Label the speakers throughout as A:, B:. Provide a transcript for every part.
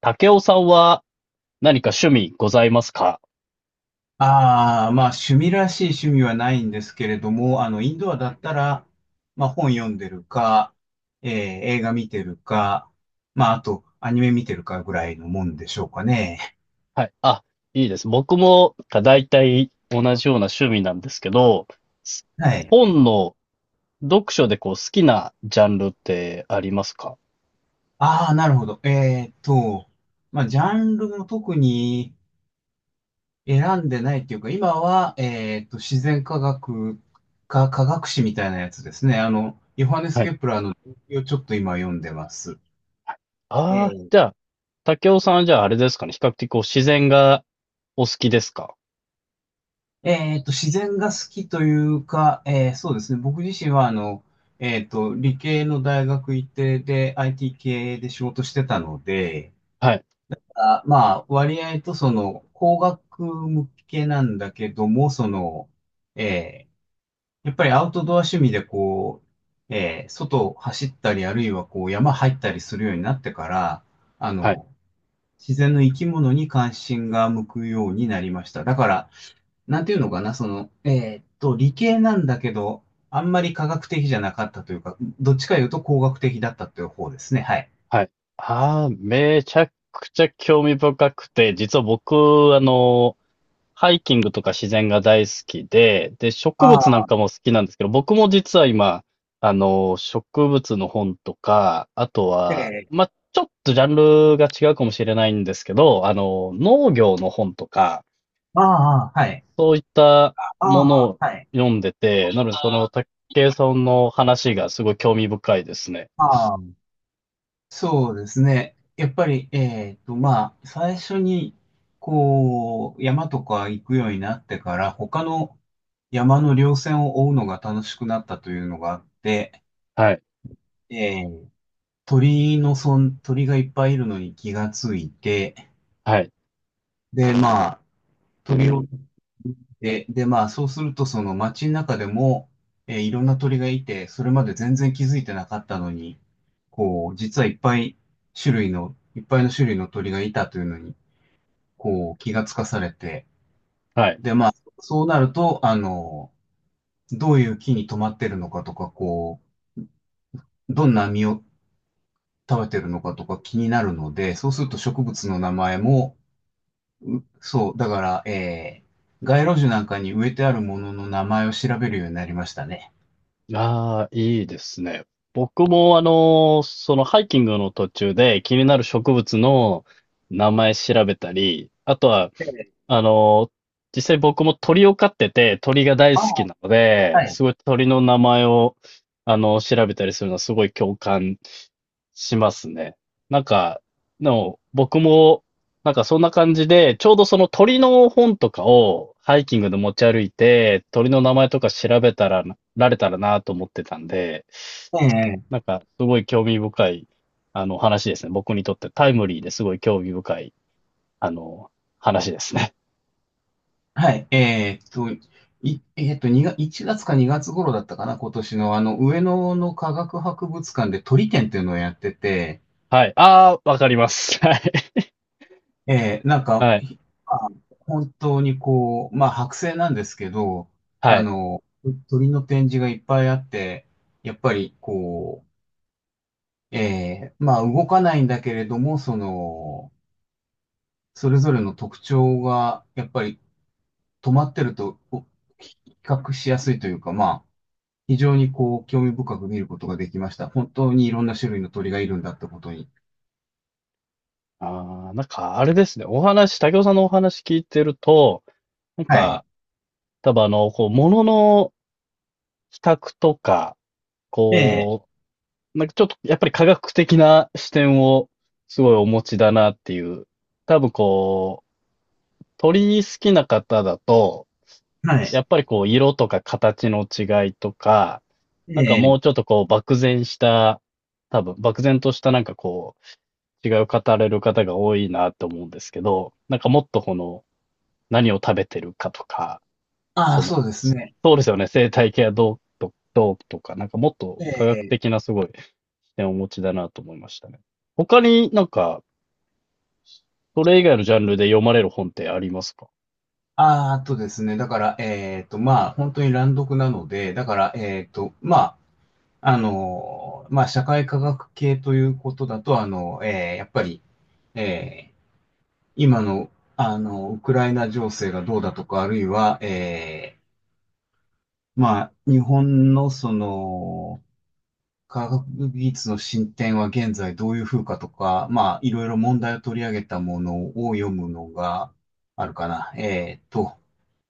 A: 武雄さんは何か趣味ございますか？
B: ああ、まあ趣味らしい趣味はないんですけれども、インドアだったら、まあ本読んでるか、えー映画見てるか、まああとアニメ見てるかぐらいのもんでしょうかね。
A: はい。あ、いいです。僕もだいたい同じような趣味なんですけど、す
B: はい。
A: 本の読書でこう好きなジャンルってありますか？
B: ああ、なるほど。まあジャンルも特に選んでないっていうか、今は、自然科学か科学史みたいなやつですね。ヨハネス・
A: はい。
B: ケプラーの、をちょっと今読んでます。
A: ああ、
B: ええ
A: じゃあ、武雄さんはじゃああれですかね。比較的こう自然がお好きですか？
B: 自然が好きというか、そうですね。僕自身は、理系の大学行ってで、IT 系で仕事してたので、
A: はい。
B: あ、まあ、割合と工学向けなんだけども、えーやっぱりアウトドア趣味でこう、外を走ったり、あるいはこう、山入ったりするようになってから、あ
A: はい。
B: の、自然の生き物に関心が向くようになりました。だから、なんていうのかな、理系なんだけど、あんまり科学的じゃなかったというか、どっちかいうと工学的だったという方ですね。はい。
A: はい。ああ、めちゃくちゃ興味深くて、実は僕、あの、ハイキングとか自然が大好きで、で、
B: あ
A: 植物なん
B: あ、
A: かも好きなんですけど、僕も実は今、植物の本とか、あとは、
B: で、
A: まあ、ちょっとジャンルが違うかもしれないんですけど、農業の本とか、
B: ああ、はい。
A: そういった
B: あ
A: もの
B: あ、
A: を
B: はい。
A: 読んでて、なのでその、竹井さんの話がすごい興味深いですね。
B: ああ、そうですね。やっぱり、まあ、最初に、こう、山とか行くようになってから、他の山の稜線を追うのが楽しくなったというのがあって、
A: はい、
B: えー鳥のそん、鳥がいっぱいいるのに気がついて、
A: はい、
B: で、まあ、鳥をで、で、まあ、そうすると、その街の中でも、いろんな鳥がいて、それまで全然気づいてなかったのに、こう、実はいっぱいの種類の鳥がいたというのに、こう、気がつかされて、
A: はい。
B: で、まあ、そうなると、どういう木に止まってるのかとか、こう、どんな実を食べてるのかとか気になるので、そうすると植物の名前も、そう、だから、街路樹なんかに植えてあるものの名前を調べるようになりましたね。
A: ああ、いいですね。僕もあの、そのハイキングの途中で気になる植物の名前調べたり、あとは
B: ええ、
A: あの、実際僕も鳥を飼ってて、鳥が大
B: あ
A: 好き
B: あ、
A: なので、
B: はい。
A: すごい鳥の名前を、調べたりするのはすごい共感しますね。なんか、でも僕も、なんかそんな感じで、ちょうどその鳥の本とかをハイキングで持ち歩いて、鳥の名前とか調べたら、られたらなと思ってたんで、
B: ええ、
A: なんかすごい興味深い、話ですね。僕にとってタイムリーですごい興味深い、あの、話ですね。
B: はい。2が、1月か2月頃だったかな、今年の、上野の科学博物館で鳥展っていうのをやってて、
A: はい。ああ、わかります。
B: なん
A: はい。
B: か、
A: はい。
B: まあ本当にこう、まあ、剥製なんですけど、
A: は
B: あ
A: い。
B: の、鳥の展示がいっぱいあって、やっぱり、こう、まあ、動かないんだけれども、それぞれの特徴が、やっぱり止まってると、比較しやすいというか、まあ、非常にこう、興味深く見ることができました。本当にいろんな種類の鳥がいるんだってことに。
A: ああ、なんかあれですね。お話、武雄さんのお話聞いてると、なん
B: はい。
A: か、多分あの、こう、ものの比較とか、
B: ええ、
A: こう、なんかちょっとやっぱり科学的な視点をすごいお持ちだなっていう。多分こう、鳥好きな方だと、
B: はい。
A: やっぱりこう、色とか形の違いとか、なんか
B: え
A: も
B: え、
A: うちょっとこう、漠然した、多分漠然としたなんかこう、違う語られる方が多いなと思うんですけど、なんかもっとこの、何を食べてるかとか、
B: ああ、
A: その、
B: そうですね。
A: そうですよね、生態系はどうと、どうとか、なんかもっと
B: え
A: 科学
B: え、
A: 的なすごい視点をお持ちだなと思いましたね。他になんか、それ以外のジャンルで読まれる本ってありますか？
B: ああ、あとですね。だから、まあ、本当に乱読なので、だから、まあ、まあ、社会科学系ということだと、ええ、やっぱり、ええ今の、ウクライナ情勢がどうだとか、あるいは、まあ、日本の科学技術の進展は現在どういう風かとか、まあ、いろいろ問題を取り上げたものを読むのがあるかな。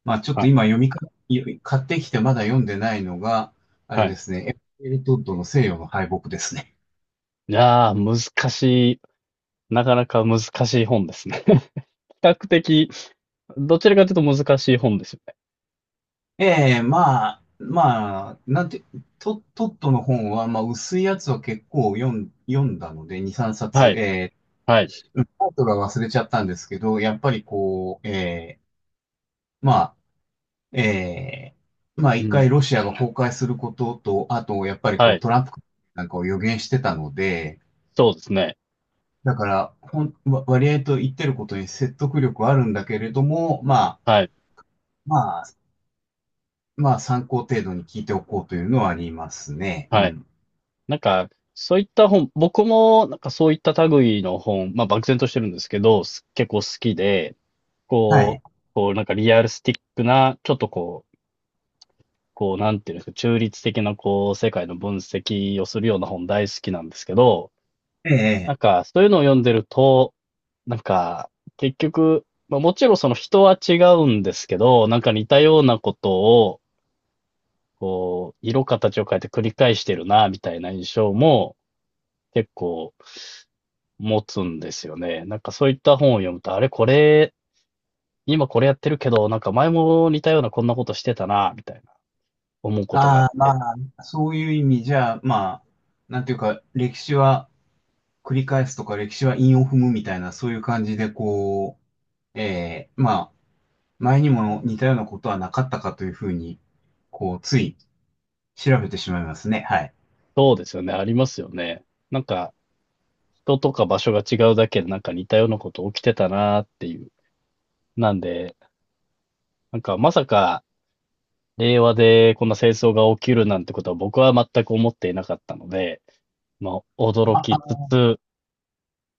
B: まあ、ちょっ
A: は
B: と
A: い。
B: 今読みか、買ってきてまだ読んでないのが、あれ
A: は
B: で
A: い。
B: すね、エルトッドの西洋の敗北ですね。
A: いやー、難しい。なかなか難しい本ですね。比較的、どちらかというと難しい本ですよね。
B: ええ、まあ、まあ、なんて、トットの本は、まあ、薄いやつは結構読んだので、2、3
A: は
B: 冊、
A: い。
B: ええ、
A: はい。
B: うんタイトルは忘れちゃったんですけど、やっぱりこう、ええ、まあ、ええ、まあ、
A: う
B: 一回
A: ん。
B: ロシアが崩壊することと、あと、やっぱり
A: は
B: こう、
A: い。
B: トランプなんかを予言してたので、
A: そうですね。
B: だから、ほん、わ割合と言ってることに説得力はあるんだけれども、
A: はい。
B: まあ、まあ、参考程度に聞いておこうというのはありますね。う
A: はい。
B: ん。
A: なんか、そういった本、僕もなんかそういった類の本、まあ漠然としてるんですけど、結構好きで、
B: は
A: こ
B: い。
A: う、こうなんかリアルスティックな、ちょっとこう、こうなんていうんですか、中立的なこう世界の分析をするような本大好きなんですけど、
B: え
A: なん
B: え。
A: かそういうのを読んでると、なんか結局、まあもちろんその人は違うんですけど、なんか似たようなことを、こう、色形を変えて繰り返してるな、みたいな印象も結構、持つんですよね。なんかそういった本を読むと、あれこれ、今これやってるけど、なんか前も似たようなこんなことしてたな、みたいな思うことがあっ
B: ああ、ま
A: て。
B: あ、そういう意味じゃ、まあ、なんていうか、歴史は繰り返すとか、歴史は韻を踏むみたいな、そういう感じで、こう、ええ、まあ、前にも似たようなことはなかったかというふうに、こう、つい調べてしまいますね。はい。
A: そうですよね、ありますよね。なんか、人とか場所が違うだけでなんか似たようなこと起きてたなっていう。なんで、なんかまさか令和でこんな戦争が起きるなんてことは僕は全く思っていなかったので、ま、驚き
B: あ、
A: つつ、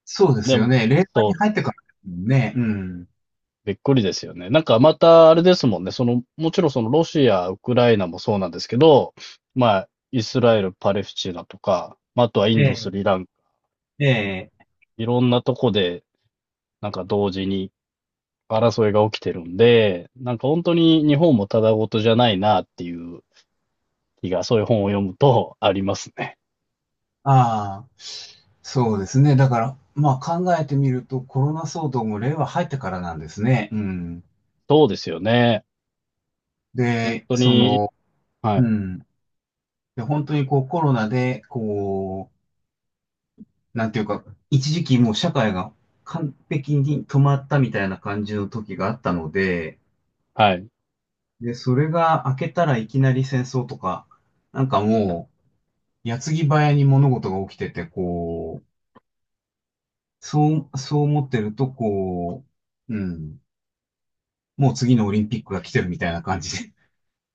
B: そうです
A: で
B: よ
A: も、
B: ね。令和
A: そ
B: に
A: う
B: 入ってからですもんね。うん。
A: びっくりですよね。なんかまたあれですもんね。その、もちろんそのロシア、ウクライナもそうなんですけど、まあ、イスラエル、パレスチナとか、まああとはインド、ス
B: え
A: リランカ、
B: え、ええ。
A: いろんなとこで、なんか同時に争いが起きてるんで、なんか本当に日本もただごとじゃないなっていう気が、そういう本を読むとありますね。
B: ああ、そうですね。だから、まあ考えてみると、コロナ騒動も令和入ってからなんですね。うん。
A: そうですよね。本
B: で、
A: 当に、は
B: う
A: い、
B: ん。で、本当にこうコロナで、こう、なんていうか、一時期もう社会が完璧に止まったみたいな感じの時があったので、
A: はい。
B: で、それが明けたらいきなり戦争とか、なんかもう、矢継ぎ早に物事が起きてて、こう、そう思ってると、こう、うん、もう次のオリンピックが来てるみたいな感じで、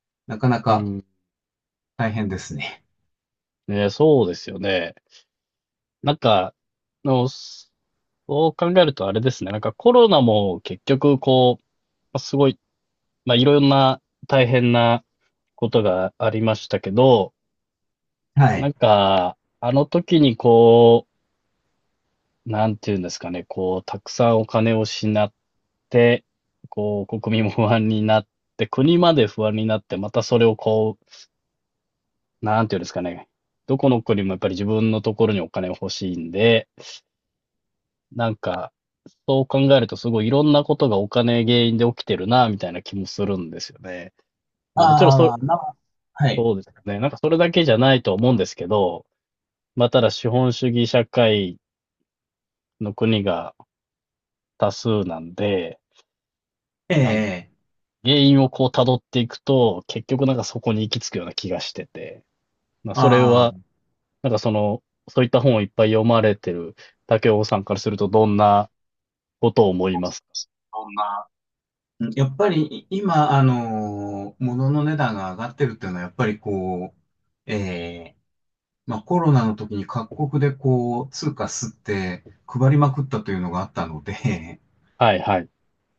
B: なかな
A: う
B: か
A: ん、
B: 大変ですね。
A: ね、そうですよね。なんか、の、そう考えるとあれですね。なんかコロナも結局こう、まあすごい、まあいろんな大変なことがありましたけど、
B: は
A: な
B: い。
A: んか、あの時にこう、なんていうんですかね、こう、たくさんお金を失って、こう、国民も不安になって、国まで不安になって、またそれをこう、なんていうんですかね、どこの国もやっぱり自分のところにお金欲しいんで、なんか、そう考えるとすごいいろんなことがお金原因で起きてるな、みたいな気もするんですよね。まあもちろんそれ、
B: ああ、はい。
A: そうですよね。なんかそれだけじゃないと思うんですけど、まあただ資本主義社会の国が多数なんで、
B: え
A: なんか
B: え、
A: 原因をこう辿っていくと、結局なんかそこに行き着くような気がしてて、まあそれ
B: あ
A: は、
B: あ、
A: なんかその、そういった本をいっぱい読まれてる竹尾さんからするとどんなことを思います
B: そんなやっぱり今、物の値段が上がってるっていうのは、やっぱりこう、えーまあコロナの時に各国でこう、通貨吸って配りまくったというのがあったので、
A: か？はいはい。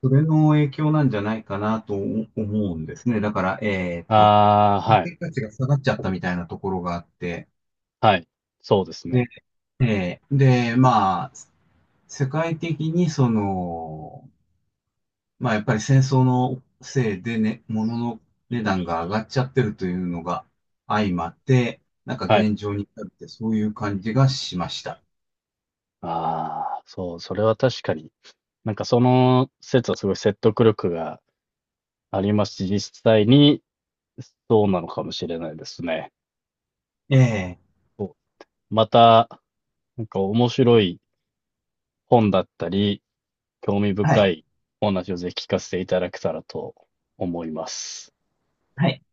B: それの影響なんじゃないかなと思うんですね。だから、貨
A: ああ、はい。
B: 幣価値が下がっちゃったみたいなところがあって、
A: はい。そうです
B: で、
A: ね。
B: えーで、まあ、世界的にまあ、やっぱり戦争のせいでね、物の値段が上がっちゃってるというのが相まって、なんか
A: はい。
B: 現状に至るってそういう感じがしました。
A: ああ、そう、それは確かに。なんかその説はすごい説得力がありますし、実際にそうなのかもしれないですね。
B: ええ、
A: そう。また、なんか面白い本だったり、興味
B: は
A: 深
B: い。
A: いお話をぜひ聞かせていただけたらと思います。
B: はい。